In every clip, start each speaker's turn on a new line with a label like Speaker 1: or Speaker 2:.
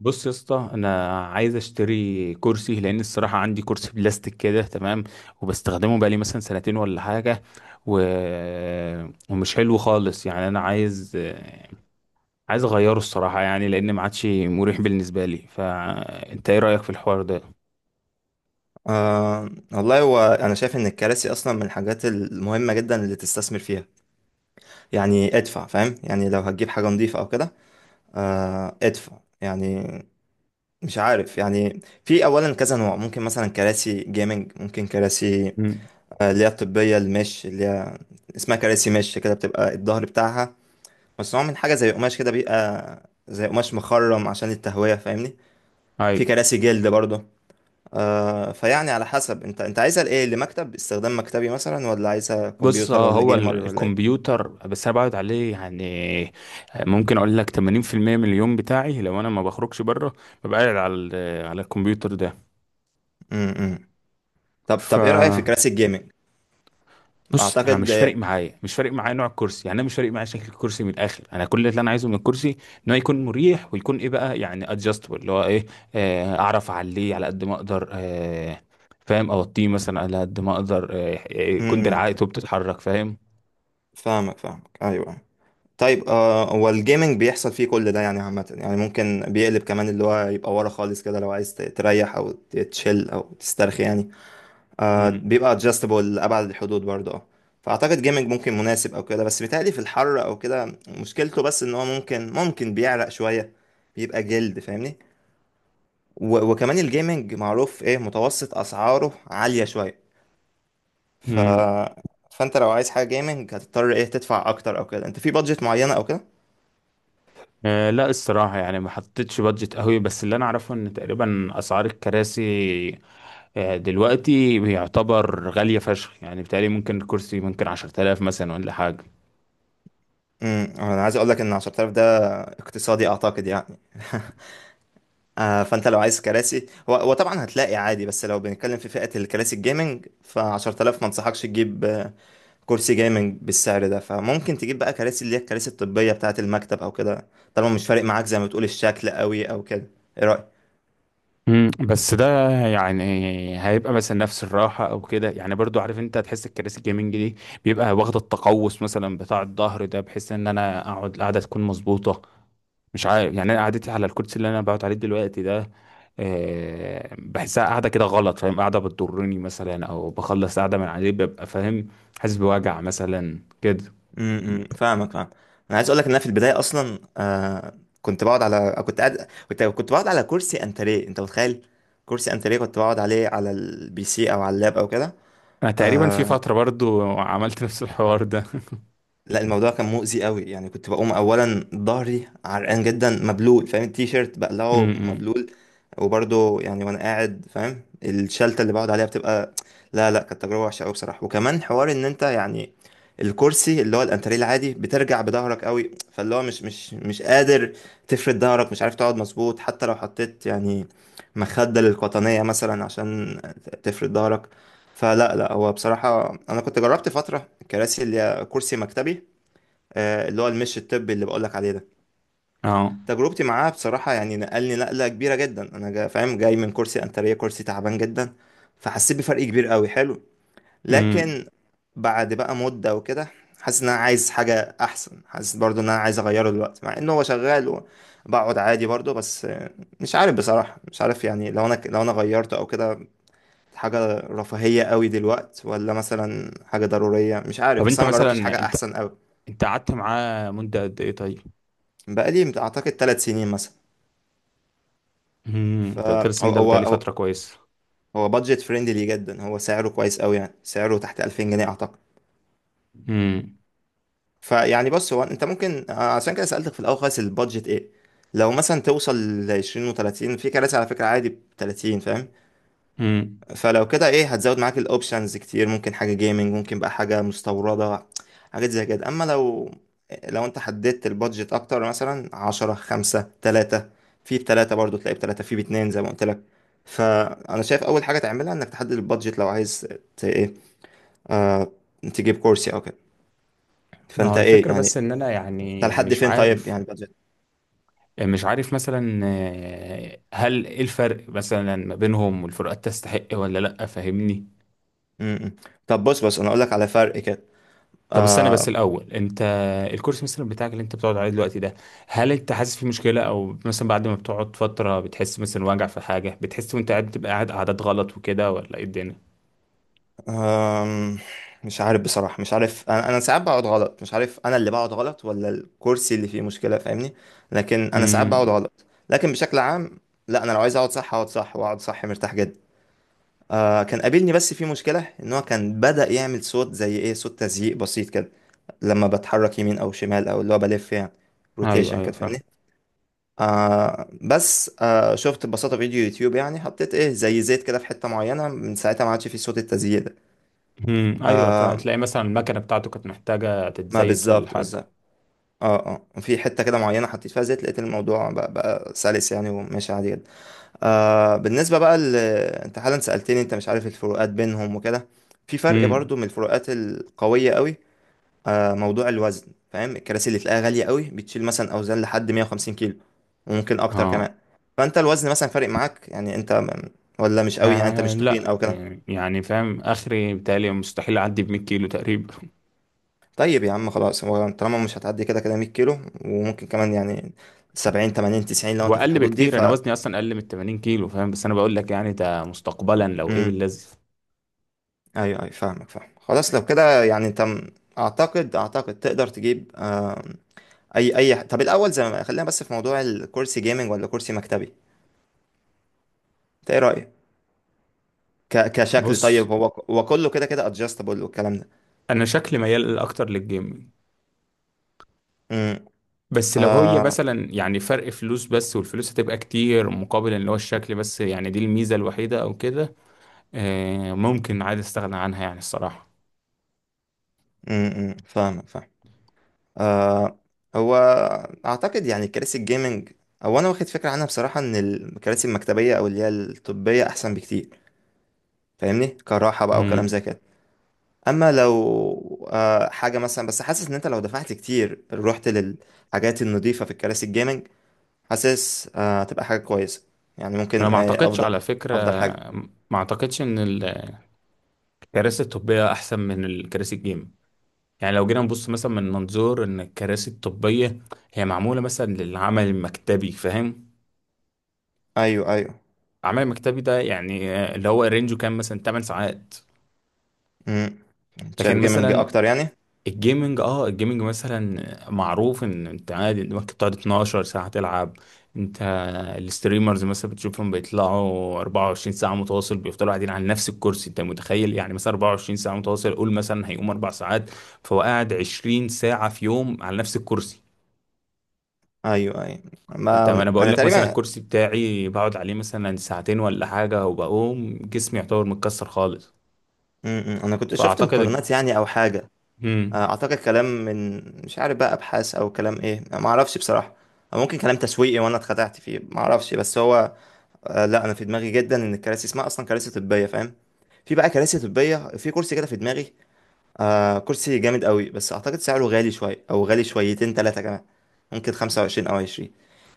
Speaker 1: بص يا اسطى، انا عايز اشتري كرسي لان الصراحه عندي كرسي بلاستيك كده تمام، وبستخدمه بقالي مثلا سنتين ولا حاجه، و... ومش حلو خالص يعني، انا عايز اغيره الصراحه، يعني لان ما عادش مريح بالنسبه لي. فانت ايه رايك في الحوار ده؟
Speaker 2: آه والله، هو أنا شايف إن الكراسي أصلا من الحاجات المهمة جدا اللي تستثمر فيها يعني. ادفع، فاهم؟ يعني لو هتجيب حاجة نظيفة أو كده. آه، ادفع يعني. مش عارف يعني، في أولا كذا نوع، ممكن مثلا كراسي جيمنج، ممكن كراسي
Speaker 1: امم.
Speaker 2: آه، اللي هي الطبية، المش اللي هي اسمها كراسي، مش كده، بتبقى الظهر بتاعها مصنوع من حاجة زي قماش كده، بيبقى زي قماش مخرم عشان التهوية، فاهمني؟
Speaker 1: اي.
Speaker 2: في كراسي جلد برضه. آه، فيعني على حسب انت عايزها لايه، لمكتب استخدام مكتبي مثلا، ولا عايزها
Speaker 1: بص،
Speaker 2: كمبيوتر، ولا
Speaker 1: هو
Speaker 2: جيمر، ولا ايه؟
Speaker 1: الكمبيوتر بس انا بقعد عليه يعني، ممكن اقول لك 80% من اليوم بتاعي، لو انا ما بخرجش بره ببقى قاعد على على الكمبيوتر ده.
Speaker 2: امم طب
Speaker 1: ف
Speaker 2: طب ايه رأيك في كراسي الجيمنج؟
Speaker 1: بص، انا
Speaker 2: اعتقد.
Speaker 1: مش فارق معايا نوع الكرسي، يعني انا مش فارق معايا شكل الكرسي. من الاخر، انا كل اللي انا عايزه من الكرسي ان هو يكون مريح، ويكون ايه بقى يعني ادجستبل، اللي هو ايه، اعرف اعليه على قد ما اقدر، فاهم، اوطيه مثلا على قد ما اقدر، يكون
Speaker 2: امم
Speaker 1: دراعاته بتتحرك، فاهم.
Speaker 2: فاهمك فاهمك، ايوه. طيب، آه، هو الجيمنج بيحصل فيه كل ده يعني عامة، يعني ممكن بيقلب كمان، اللي هو يبقى ورا خالص كده لو عايز تريح او تشيل او تسترخي يعني.
Speaker 1: مم.
Speaker 2: آه، بيبقى ادجستبل لأبعد الحدود برضه، اه. فأعتقد جيمنج ممكن مناسب أو كده، بس بيتهيألي في الحر أو كده مشكلته، بس إن هو ممكن بيعرق شوية. بيبقى جلد، فاهمني؟ وكمان الجيمنج معروف إيه، متوسط أسعاره عالية شوية. ف...
Speaker 1: مم.
Speaker 2: فأنت لو عايز حاجة جيمنج هتضطر إيه تدفع أكتر أو كده، أنت في بادجت معينة أو كده؟
Speaker 1: لا الصراحه يعني ما حطيتش بادجت قوي، بس اللي انا اعرفه ان تقريبا اسعار الكراسي دلوقتي بيعتبر غالية فشخ يعني، بالتالي ممكن الكرسي ممكن 10000 مثلا ولا حاجة.
Speaker 2: أنا عايز أقولك إن 10000 ده اقتصادي أعتقد يعني. آه، فانت لو عايز كراسي، هو طبعا هتلاقي عادي، بس لو بنتكلم في فئة الكراسي الجيمنج، ف 10000 ما انصحكش تجيب، آه، كرسي جيمنج بالسعر ده. فممكن تجيب بقى كراسي، اللي هي الكراسي الطبية بتاعة المكتب او كده، طالما مش فارق معاك زي ما بتقول الشكل قوي او كده. ايه رأيك؟
Speaker 1: مم، بس ده يعني هيبقى مثلا نفس الراحة أو كده يعني، برضو عارف أنت هتحس الكراسي الجيمنج دي بيبقى واخدة التقوس مثلا بتاع الظهر ده، بحيث إن أنا أقعد القعدة تكون مظبوطة. مش عارف يعني، أنا قعدتي على الكرسي اللي أنا بقعد عليه دلوقتي ده، بحسها قاعدة كده غلط، فاهم، قاعدة بتضرني مثلا أو بخلص قاعدة من عليه ببقى فاهم حاسس بوجع مثلا كده.
Speaker 2: فاهمك فاهم. انا عايز اقول لك ان انا في البداية اصلا، آه، كنت بقعد على كرسي انتريه، انت متخيل؟ كرسي انتريه كنت بقعد عليه على البي سي، او على اللاب او كده.
Speaker 1: أنا تقريبا في
Speaker 2: آه،
Speaker 1: فترة برضو عملت نفس الحوار ده.
Speaker 2: لا، الموضوع كان مؤذي قوي يعني. كنت بقوم اولا ظهري عرقان جدا، مبلول، فاهم؟ التيشيرت بقلعه
Speaker 1: امم.
Speaker 2: مبلول. وبرضه يعني وانا قاعد، فاهم، الشلته اللي بقعد عليها بتبقى. لا، لا، كانت تجربه وحشه قوي بصراحه. وكمان حوار ان انت يعني الكرسي اللي هو الانتريه العادي بترجع بظهرك قوي، فاللي هو مش قادر تفرد ظهرك، مش عارف تقعد مظبوط حتى لو حطيت يعني مخدة للقطنية مثلا عشان تفرد ظهرك. فلا، لا، هو بصراحة أنا كنت جربت فترة الكراسي اللي هي كرسي مكتبي، آه، اللي هو المش الطبي اللي بقولك عليه ده.
Speaker 1: اه.
Speaker 2: تجربتي معاه بصراحة يعني نقلني نقلة كبيرة جدا. أنا جا، فاهم، جاي من كرسي أنترية كرسي تعبان جدا، فحسيت بفرق كبير قوي، حلو.
Speaker 1: امم.
Speaker 2: لكن بعد بقى مدة وكده، حاسس إن أنا عايز حاجة أحسن، حاسس برضو إن أنا عايز أغيره دلوقتي مع إن هو شغال وبقعد عادي برضو، بس آه، مش عارف بصراحة، مش عارف يعني لو أنا غيرته أو كده، حاجة رفاهية قوي دلوقتي ولا مثلا حاجة ضرورية، مش
Speaker 1: طب
Speaker 2: عارف، بس
Speaker 1: انت
Speaker 2: أنا مجربتش
Speaker 1: مثلا
Speaker 2: حاجة
Speaker 1: انت
Speaker 2: أحسن قوي.
Speaker 1: انت قعدت معاه مدة قد ايه طيب؟
Speaker 2: بقالي أعتقد 3 سنين مثلا.
Speaker 1: امم، ده
Speaker 2: فهو
Speaker 1: ترسم، ده
Speaker 2: هو
Speaker 1: بقالي
Speaker 2: هو
Speaker 1: فترة كويسة.
Speaker 2: هو بادجت فريندلي جدا، هو سعره كويس قوي يعني، سعره تحت 2000 جنيه اعتقد.
Speaker 1: امم.
Speaker 2: فيعني، بص، هو انت ممكن، آه، عشان كده سألتك في الاول خالص البادجت ايه. لو مثلا توصل ل 20 و30، في كراسي على فكرة عادي ب 30، فاهم؟
Speaker 1: امم.
Speaker 2: فلو كده ايه، هتزود معاك الاوبشنز كتير، ممكن حاجه جيمنج، ممكن بقى حاجه مستورده، حاجات زي كده. اما لو انت حددت البادجت اكتر، مثلا عشرة خمسة تلاتة، في بتلاتة برضو تلاقي، بتلاتة في باتنين زي ما قلت لك. فانا شايف اول حاجه تعملها انك تحدد البادجت، لو عايز ايه، آه... تجيب كورسي او كده.
Speaker 1: ما هو
Speaker 2: فانت ايه
Speaker 1: الفكرة بس
Speaker 2: يعني،
Speaker 1: ان انا
Speaker 2: انت
Speaker 1: يعني
Speaker 2: لحد
Speaker 1: مش
Speaker 2: فين طيب
Speaker 1: عارف،
Speaker 2: يعني البادجت؟
Speaker 1: مش عارف مثلا، هل ايه الفرق مثلا ما بينهم والفروقات تستحق ولا لا، فاهمني؟
Speaker 2: م- م. طب بص، انا اقول لك على فرق كده.
Speaker 1: طب استنى بس الاول، انت الكورس مثلا بتاعك اللي انت بتقعد عليه دلوقتي ده، هل انت حاسس فيه مشكلة او مثلا بعد ما بتقعد فترة بتحس مثلا وجع في حاجة، بتحس وانت قاعد بتبقى قاعد قعدات غلط وكده، ولا ايه الدنيا؟
Speaker 2: أم، مش عارف بصراحة، مش عارف، أنا ساعات بقعد غلط، مش عارف أنا اللي بقعد غلط ولا الكرسي اللي فيه مشكلة، فاهمني؟ لكن أنا ساعات
Speaker 1: امم.
Speaker 2: بقعد غلط، لكن بشكل عام لا، أنا لو عايز أقعد صح أقعد صح، وأقعد صح مرتاح جدا. آه، كان قابلني بس في مشكلة إن هو كان بدأ يعمل صوت، زي إيه، صوت تزييق بسيط كده لما بتحرك يمين أو شمال، أو اللي هو بلف يعني،
Speaker 1: ايوه،
Speaker 2: روتيشن
Speaker 1: ايوه
Speaker 2: كده،
Speaker 1: فاهم.
Speaker 2: فاهمني؟ آه، بس آه شفت ببساطة فيديو يوتيوب يعني، حطيت إيه زي زيت كده في حتة معينة، من ساعتها ما عادش فيه صوت التزييق ده.
Speaker 1: امم. ايوه،
Speaker 2: آه،
Speaker 1: فهتلاقي مثلا المكنه بتاعته كانت محتاجه
Speaker 2: ما
Speaker 1: تتزيت ولا
Speaker 2: بالظبط
Speaker 1: حاجه.
Speaker 2: بالظبط. اه، اه، وفي حته كده معينه حطيت فيها زيت، لقيت الموضوع بقى سلس يعني، وماشي عادي جدا. آه، بالنسبه بقى انت حالا سالتني انت مش عارف الفروقات بينهم وكده. في فرق
Speaker 1: امم.
Speaker 2: برضو، من الفروقات القويه قوي، آه، موضوع الوزن، فاهم؟ الكراسي اللي تلاقيها غاليه قوي بتشيل مثلا اوزان لحد 150 كيلو، وممكن اكتر
Speaker 1: اه.
Speaker 2: كمان. فانت الوزن مثلا فارق معاك يعني، انت ولا مش قوي، يعني انت مش تخين
Speaker 1: لا
Speaker 2: او كده؟
Speaker 1: يعني، فاهم، اخري بتهيألي مستحيل اعدي ب 100 كيلو تقريبا.
Speaker 2: طيب يا عم، خلاص، هو طالما مش هتعدي كده كده 100 كيلو، وممكن كمان يعني 70 80 90، لو انت في
Speaker 1: واقل
Speaker 2: الحدود دي،
Speaker 1: بكتير، انا وزني اصلا اقل من 80 كيلو فاهم، بس انا بقول لك يعني ده مستقبلا لو ايه
Speaker 2: امم
Speaker 1: باللذي.
Speaker 2: ايوه ايوه، فاهمك فاهم. خلاص لو كده يعني انت اعتقد تقدر تجيب، آه، اي اي، طب الاول، زي ما خلينا، بس في موضوع الكرسي جيمنج ولا كرسي مكتبي، انت ايه رايك، كشكل؟
Speaker 1: بص،
Speaker 2: طيب، هو هو كله كده كده ادجستبل والكلام ده.
Speaker 1: انا شكلي ميال اكتر للجيم.
Speaker 2: امم
Speaker 1: بس لو هي مثلا يعني فرق فلوس بس، والفلوس هتبقى كتير مقابل اللي هو الشكل بس يعني، دي الميزه الوحيده او كده، ممكن عادي استغنى عنها يعني الصراحه.
Speaker 2: أمم، فاهمك فاهم. آه، هو اعتقد يعني كراسي الجيمنج، او انا واخد فكره عنها بصراحه، ان الكراسي المكتبيه، او اللي هي الطبيه، احسن بكتير. فاهمني؟ كراحه بقى وكلام
Speaker 1: مم.
Speaker 2: زي كده. اما لو حاجه مثلا، بس حاسس ان انت لو دفعت كتير رحت للحاجات النظيفه في الكراسي الجيمنج، حاسس آه هتبقى حاجه كويسه، يعني
Speaker 1: انا
Speaker 2: ممكن
Speaker 1: ما
Speaker 2: آه
Speaker 1: اعتقدش
Speaker 2: افضل،
Speaker 1: على فكره،
Speaker 2: افضل حاجه.
Speaker 1: ما اعتقدش ان الكراسي الطبيه احسن من الكراسي الجيم. يعني لو جينا نبص مثلا من منظور ان الكراسي الطبيه هي معموله مثلا للعمل المكتبي، فاهم،
Speaker 2: ايوه ايوه.
Speaker 1: العمل المكتبي ده يعني اللي هو رينجه كام مثلا 8 ساعات.
Speaker 2: امم
Speaker 1: لكن
Speaker 2: شايف جيمنج
Speaker 1: مثلا
Speaker 2: اكتر يعني.
Speaker 1: الجيمنج مثلا معروف ان انت عادي انت ممكن تقعد 12 ساعة تلعب. انت الستريمرز مثلا بتشوفهم بيطلعوا 24 ساعة متواصل، بيفضلوا قاعدين على نفس الكرسي، انت متخيل يعني مثلا 24 ساعة متواصل، قول مثلا هيقوم 4 ساعات، فهو قاعد 20 ساعة في يوم على نفس الكرسي.
Speaker 2: ايوه، ايوه،
Speaker 1: انت،
Speaker 2: ما
Speaker 1: انا بقول
Speaker 2: انا
Speaker 1: لك مثلا
Speaker 2: تقريبا.
Speaker 1: الكرسي بتاعي بقعد عليه مثلا ساعتين ولا حاجة وبقوم جسمي يعتبر متكسر خالص.
Speaker 2: انا كنت شفت
Speaker 1: فاعتقد.
Speaker 2: مقارنات يعني او حاجه، آه،
Speaker 1: مم.
Speaker 2: اعتقد كلام من، مش عارف بقى، ابحاث او كلام، ايه ما اعرفش بصراحه. أو ممكن كلام تسويقي وانا اتخدعت فيه، ما اعرفش، بس هو آه، لا، انا في دماغي جدا ان الكراسي اسمها اصلا كراسي طبيه، فاهم؟ في بقى كراسي طبيه، في كرسي كده في دماغي، آه، كرسي جامد قوي، بس اعتقد سعره غالي شويه، او غالي شويتين ثلاثه كمان. ممكن 25 او 20.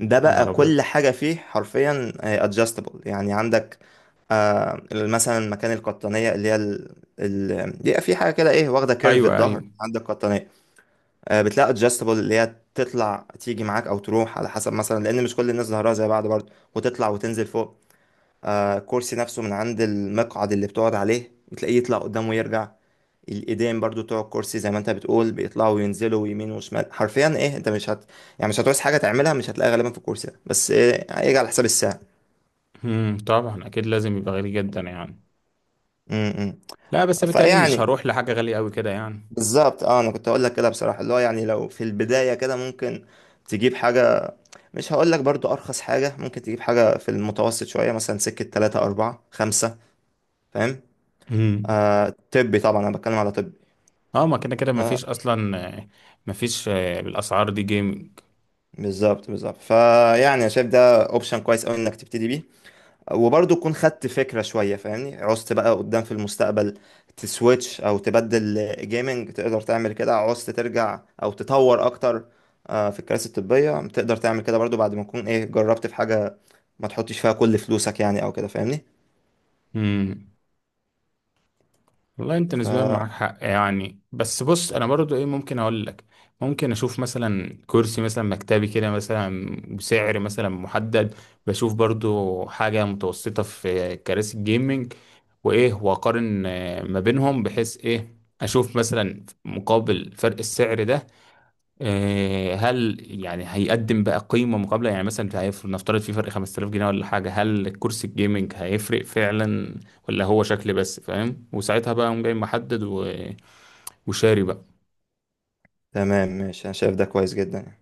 Speaker 2: ده
Speaker 1: يا
Speaker 2: بقى
Speaker 1: نهار ابيض.
Speaker 2: كل حاجه فيه حرفيا ادجستبل يعني. عندك آه مثلا مكان القطنيه، اللي هي بيبقى في حاجه كده ايه، واخده كيرف
Speaker 1: ايوه ايوه.
Speaker 2: الظهر، عندك قطنيه، آه، بتلاقي ادجستبل، اللي هي تطلع تيجي معاك او تروح على حسب، مثلا لان مش كل الناس ظهرها زي بعض برضه، وتطلع وتنزل فوق. آه، كرسي نفسه من عند المقعد اللي بتقعد عليه، بتلاقيه يطلع قدام ويرجع. الايدين برضو بتوع الكرسي، زي ما انت بتقول، بيطلعوا وينزلوا يمين وشمال حرفيا. ايه، انت مش هت يعني مش هتعوز حاجه تعملها مش هتلاقيها غالبا في الكرسي ده، بس إيه هيجي على حساب الساعه.
Speaker 1: طبعا اكيد لازم يبقى غالي جدا يعني.
Speaker 2: امم.
Speaker 1: لا بس بالتالي مش
Speaker 2: فيعني
Speaker 1: هروح لحاجه غاليه قوي كده يعني.
Speaker 2: بالظبط، اه، انا كنت اقول لك كده بصراحه، اللي هو يعني لو في البدايه كده ممكن تجيب حاجه، مش هقول لك برضو ارخص حاجه، ممكن تجيب حاجه في المتوسط شويه، مثلا سكه 3 4 5، فاهم؟
Speaker 1: امم.
Speaker 2: آه، طبي طبعا، انا بتكلم على طبي.
Speaker 1: اه. ما كده كده
Speaker 2: اه،
Speaker 1: مفيش اصلا، مفيش، بالاسعار دي جيمنج.
Speaker 2: بالظبط بالظبط، فيعني انا شايف ده اوبشن كويس قوي انك تبتدي بيه، وبرضه تكون خدت فكره شويه، فاهمني؟ عوزت بقى قدام في المستقبل تسويتش او تبدل جيمنج تقدر تعمل كده، عوزت ترجع او تطور اكتر، آه، في الكراسي الطبيه تقدر تعمل كده برضه بعد ما تكون ايه جربت في حاجه، ما تحطش فيها كل فلوسك يعني او كده، فاهمني؟
Speaker 1: امم. والله انت نسبيا
Speaker 2: فتمام.
Speaker 1: معاك حق يعني. بس بص، انا برضو ايه ممكن اقول لك، ممكن اشوف مثلا كرسي مثلا مكتبي كده مثلا بسعر مثلا محدد، بشوف برضو حاجة متوسطة في كراسي الجيمنج، وايه واقارن، ما بينهم، بحيث ايه اشوف مثلا مقابل فرق السعر ده، هل يعني هيقدم بقى قيمة مقابلة يعني، مثلا هيفرق نفترض في فرق 5000 جنيه ولا حاجة، هل الكرسي الجيمنج هيفرق فعلا ولا هو شكل بس، فاهم، وساعتها بقى قوم جاي محدد وشاري بقى
Speaker 2: ماشي، انا شايف ده كويس جدا يعني.